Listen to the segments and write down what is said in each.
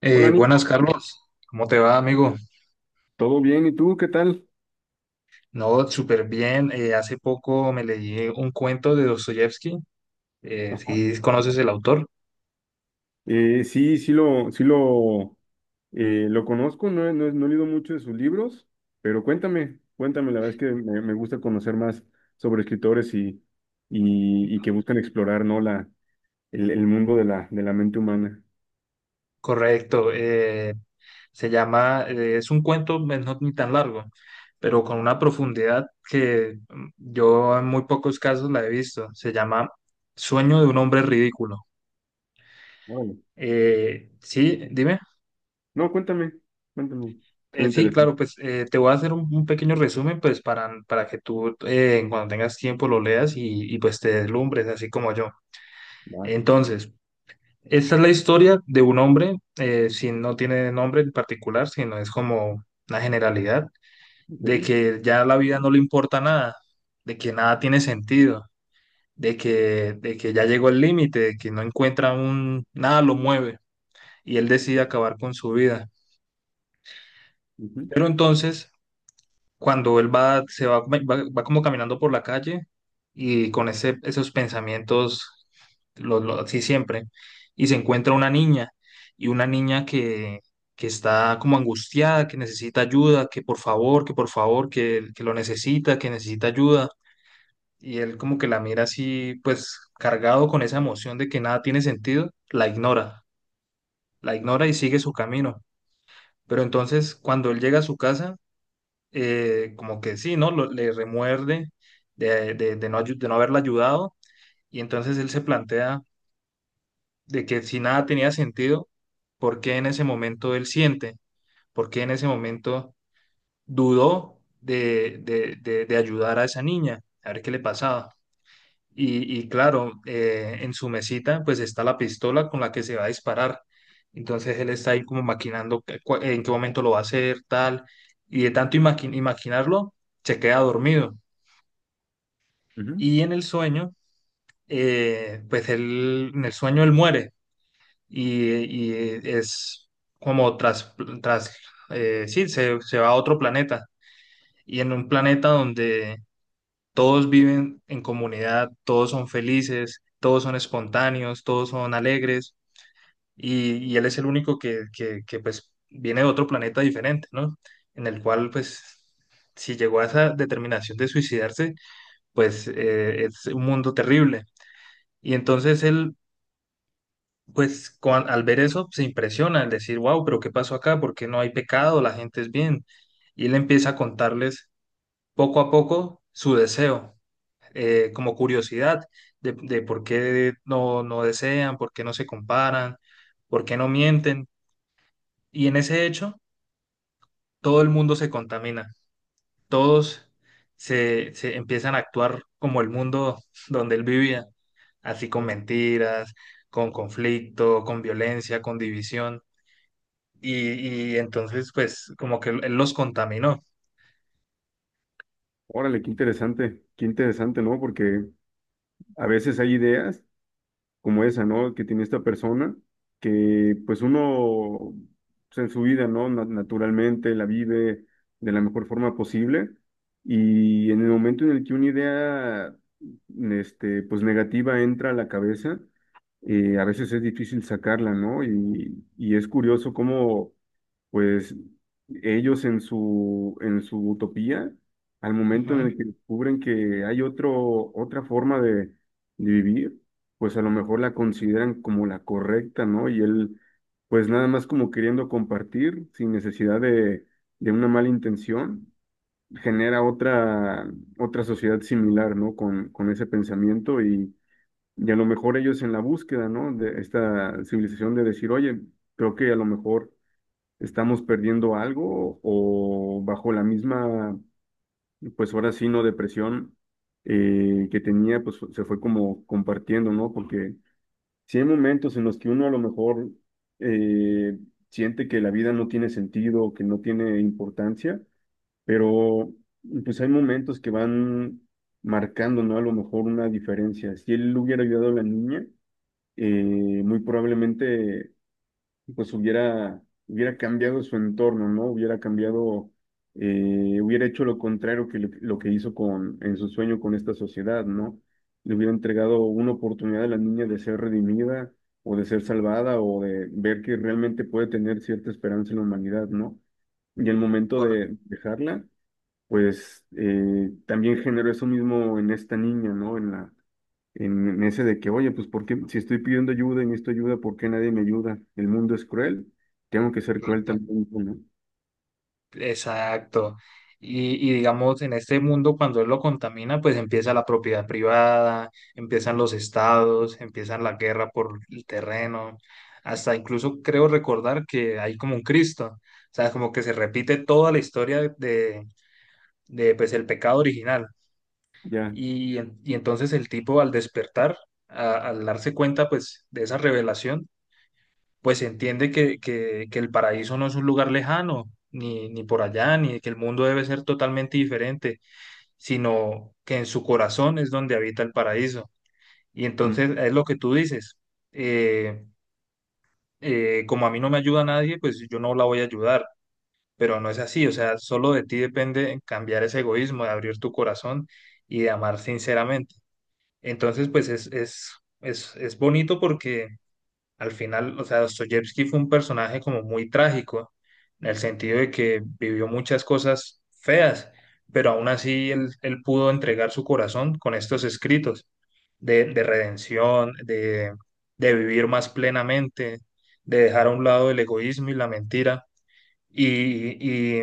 Hola Buenas, Nico, Carlos. ¿Cómo te va, amigo? ¿todo bien? ¿Y tú qué tal? No, súper bien. Hace poco me leí un cuento de Dostoyevsky. Ajá. Si conoces el autor. Sí, lo conozco. No, he leído mucho de sus libros, pero cuéntame, la verdad es que me gusta conocer más sobre escritores y que buscan explorar, ¿no? El mundo de de la mente humana. Correcto. Es un cuento no ni tan largo, pero con una profundidad que yo en muy pocos casos la he visto. Se llama Sueño de un hombre ridículo. Órale. Sí, dime. No, cuéntame, suena Sí, claro, interesante. pues te voy a hacer un pequeño resumen, pues para que tú cuando tengas tiempo lo leas, pues te deslumbres, así como yo. Va, Entonces, esta es la historia de un hombre, si no tiene nombre en particular, sino es como una generalidad, de ok, que ya la vida no le importa nada, de que nada tiene sentido, de que ya llegó el límite, de que no encuentra nada lo mueve y él decide acabar con su vida. ujú, Pero entonces cuando él va, se va, va, va como caminando por la calle y con esos pensamientos, así siempre, y se encuentra una niña, y una niña que está como angustiada, que necesita ayuda, que por favor, que por favor, que lo necesita, que necesita ayuda, y él como que la mira así, pues cargado con esa emoción de que nada tiene sentido, la ignora y sigue su camino. Pero entonces cuando él llega a su casa, como que sí, ¿no? Le remuerde de no haberla ayudado y entonces él se plantea de que si nada tenía sentido, ¿por qué en ese momento él siente? ¿Por qué en ese momento dudó de ayudar a esa niña? A ver qué le pasaba. Y claro, en su mesita pues está la pistola con la que se va a disparar. Entonces él está ahí como maquinando en qué momento lo va a hacer, tal. Y de tanto imaginarlo, se queda dormido. ujú. Y en el sueño, pues en el sueño él muere y, y es como tras, tras sí, se va a otro planeta y en un planeta donde todos viven en comunidad, todos son felices, todos son espontáneos, todos son alegres y él es el único que pues viene de otro planeta diferente, ¿no? En el cual pues si llegó a esa determinación de suicidarse, pues es un mundo terrible. Y entonces él, pues al ver eso, se impresiona, al decir, wow, pero ¿qué pasó acá? ¿Por qué no hay pecado? La gente es bien. Y él empieza a contarles poco a poco su deseo, como curiosidad de por qué no desean, por qué no se comparan, por qué no mienten. Y en ese hecho, todo el mundo se contamina. Todos se empiezan a actuar como el mundo donde él vivía, así con mentiras, con conflicto, con violencia, con división. Y entonces, pues, como que él los contaminó. Órale, qué interesante, ¿no? Porque a veces hay ideas como esa, ¿no? Que tiene esta persona, que pues uno pues, en su vida, ¿no? Naturalmente la vive de la mejor forma posible, y en el momento en el que una idea, este, pues negativa entra a la cabeza, a veces es difícil sacarla, ¿no? Y es curioso cómo, pues, ellos en en su utopía, al momento en Ujú. el que descubren que hay otra forma de vivir, pues a lo mejor la consideran como la correcta, ¿no? Y él, pues nada más como queriendo compartir, sin necesidad de una mala intención, genera otra sociedad similar, ¿no? Con ese pensamiento, y a lo mejor ellos en la búsqueda, ¿no? De esta civilización, de decir, oye, creo que a lo mejor estamos perdiendo algo, o bajo la misma, pues ahora sí, no depresión que tenía, pues se fue como compartiendo, ¿no? Porque si hay momentos en los que uno a lo mejor, eh, siente que la vida no tiene sentido, que no tiene importancia, pero pues hay momentos que van marcando, ¿no? A lo mejor una diferencia. Si él hubiera ayudado a la niña, muy probablemente pues hubiera cambiado su entorno, ¿no? Hubiera cambiado, hubiera hecho lo contrario que lo que hizo con, en su sueño, con esta sociedad, ¿no? Le hubiera entregado una oportunidad a la niña de ser redimida, o de ser salvada, o de ver que realmente puede tener cierta esperanza en la humanidad, ¿no? Y el momento Cor- de dejarla, pues también generó eso mismo en esta niña, ¿no? En ese de que, oye, pues ¿por qué si estoy pidiendo ayuda y necesito ayuda, ¿por qué nadie me ayuda? El mundo es cruel, tengo que ser cruel Correcto. también, ¿no? Exacto. Y digamos, en este mundo, cuando él lo contamina, pues empieza la propiedad privada, empiezan los estados, empiezan la guerra por el terreno, hasta incluso creo recordar que hay como un Cristo, o sea, como que se repite toda la historia de, pues, el pecado original. Ya, Y entonces el tipo al despertar, al darse cuenta, pues, de esa revelación, pues se entiende que el paraíso no es un lugar lejano, ni, ni por allá, ni que el mundo debe ser totalmente diferente, sino que en su corazón es donde habita el paraíso. Y mm, entonces es lo que tú dices, eh, como a mí no me ayuda nadie, pues yo no la voy a ayudar, pero no es así, o sea, solo de ti depende cambiar ese egoísmo, de abrir tu corazón y de amar sinceramente. Entonces, pues es bonito porque al final, o sea, Dostoyevsky fue un personaje como muy trágico, en el sentido de que vivió muchas cosas feas, pero aún así él, él pudo entregar su corazón con estos escritos de redención, de vivir más plenamente, de dejar a un lado el egoísmo y la mentira. Y, y,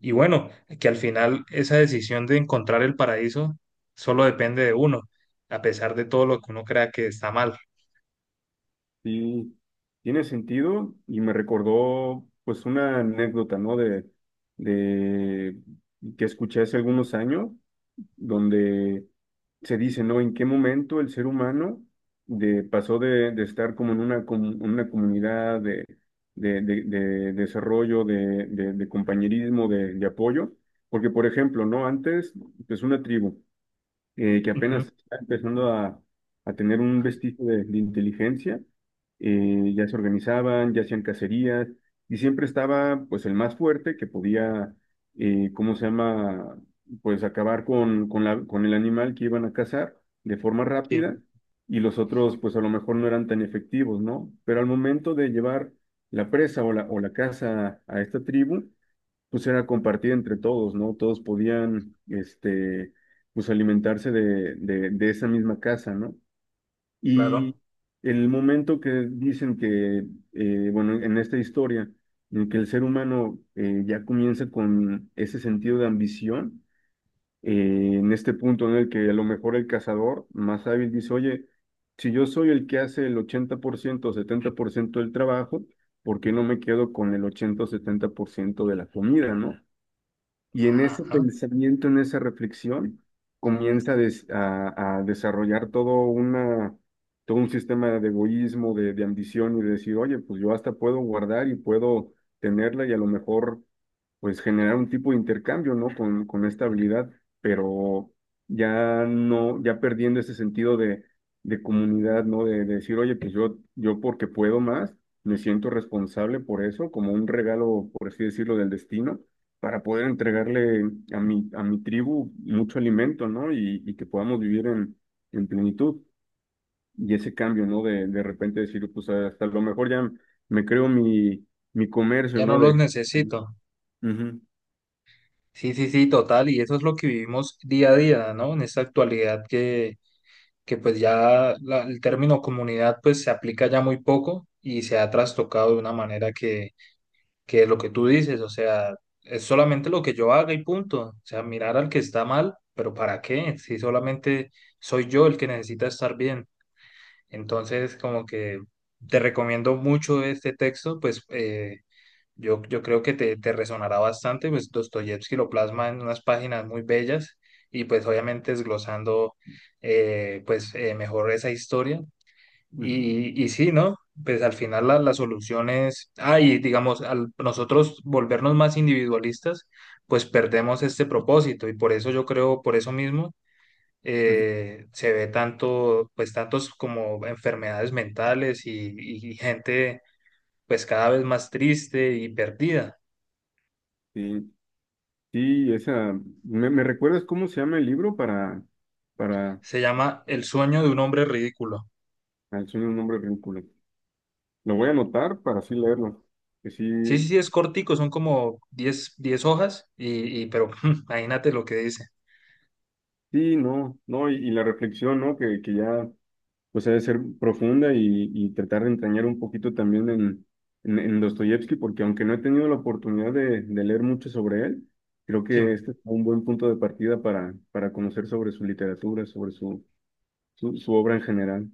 y bueno, que al final esa decisión de encontrar el paraíso solo depende de uno, a pesar de todo lo que uno crea que está mal. sí, tiene sentido, y me recordó pues una anécdota, ¿no? De que escuché hace algunos años, donde se dice, ¿no? ¿En qué momento el ser humano pasó de estar como en una, una comunidad de desarrollo, de compañerismo, de apoyo? Porque, por ejemplo, ¿no? Antes, pues una tribu, que Ujú. apenas está empezando a tener un vestigio de inteligencia, ya se organizaban, ya hacían cacerías, y siempre estaba pues el más fuerte que podía, ¿cómo se llama? Pues acabar con con el animal que iban a cazar de forma Sí, rápida, y los otros pues a lo mejor no eran tan efectivos, ¿no? Pero al momento de llevar la presa, o o la caza a esta tribu, pues era compartida entre todos, ¿no? Todos podían, este, pues alimentarse de esa misma casa, ¿no? claro. Y el momento que dicen que, bueno, en esta historia, en que el ser humano, ya comienza con ese sentido de ambición, en este punto en el que a lo mejor el cazador más hábil dice, oye, si yo soy el que hace el 80% o 70% del trabajo, ¿por qué no me quedo con el 80 o 70% de la comida, ¿no? Y en ese Ajá, pensamiento, en esa reflexión, comienza a, a desarrollar todo, una, todo un sistema de egoísmo, de ambición, y de decir, oye, pues yo hasta puedo guardar y puedo tenerla, y a lo mejor pues generar un tipo de intercambio, ¿no? Con esta habilidad, pero ya no, ya perdiendo ese sentido de comunidad, ¿no? De decir, oye, pues yo porque puedo más, me siento responsable por eso, como un regalo, por así decirlo, del destino, para poder entregarle a mi tribu mucho alimento, ¿no? Y que podamos vivir en plenitud. Y ese cambio, ¿no? De repente decir, pues hasta lo mejor ya me creo mi, mi comercio, ya no ¿no? los De... necesito. Ujú, Sí, sí, sí, total. Y eso es lo que vivimos día a día, ¿no? En esta actualidad que pues ya la- el término comunidad pues se aplica ya muy poco y se ha trastocado de una manera que lo que tú dices, o sea, es solamente lo que yo haga y punto. O sea, mirar al que está mal, pero ¿para qué? Si solamente soy yo el que necesita estar bien. Entonces, como que te ujú, recomiendo mucho este texto. Yo creo que te resonará bastante, pues Dostoyevsky lo plasma en unas páginas muy bellas y pues obviamente desglosando pues mejor esa historia. ujú, Y sí, ¿no? Pues al final la solución es, ah, y digamos, al nosotros volvernos más individualistas, pues perdemos este propósito y por eso yo creo, por eso mismo, ujú. Se ve tanto, pues tantos como enfermedades mentales y gente pues cada vez más triste y perdida. Sí, sí, esa... Me recuerdas cómo se llama el libro para... Se llama El sueño de un hombre ridículo. al sueño de un hombre ridículo? Lo voy a anotar para así leerlo. Que Sí, sí, sí, sí, es cortico, son como diez hojas, pero imagínate lo que dice. sí, no, y la reflexión, ¿no? Que ya... pues ha de ser profunda, y tratar de entrañar un poquito también en Dostoyevsky, porque aunque no he tenido la oportunidad de leer mucho sobre él, creo Sí. que este es un buen punto de partida para conocer sobre su literatura, sobre su obra en general.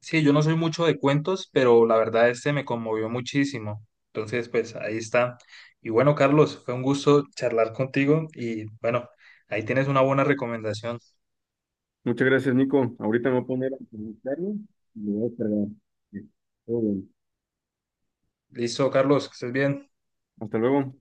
Sí, yo no soy mucho de cuentos, pero la verdad este me conmovió muchísimo. Entonces, pues ahí está. Y bueno, Carlos, fue un gusto charlar contigo y bueno, ahí tienes una buena recomendación. Muchas gracias, Nico. Ahorita me voy a poner a buscarlo y lo voy a descargar. Sí, todo bien. Listo, Carlos, que estés bien. Hasta luego.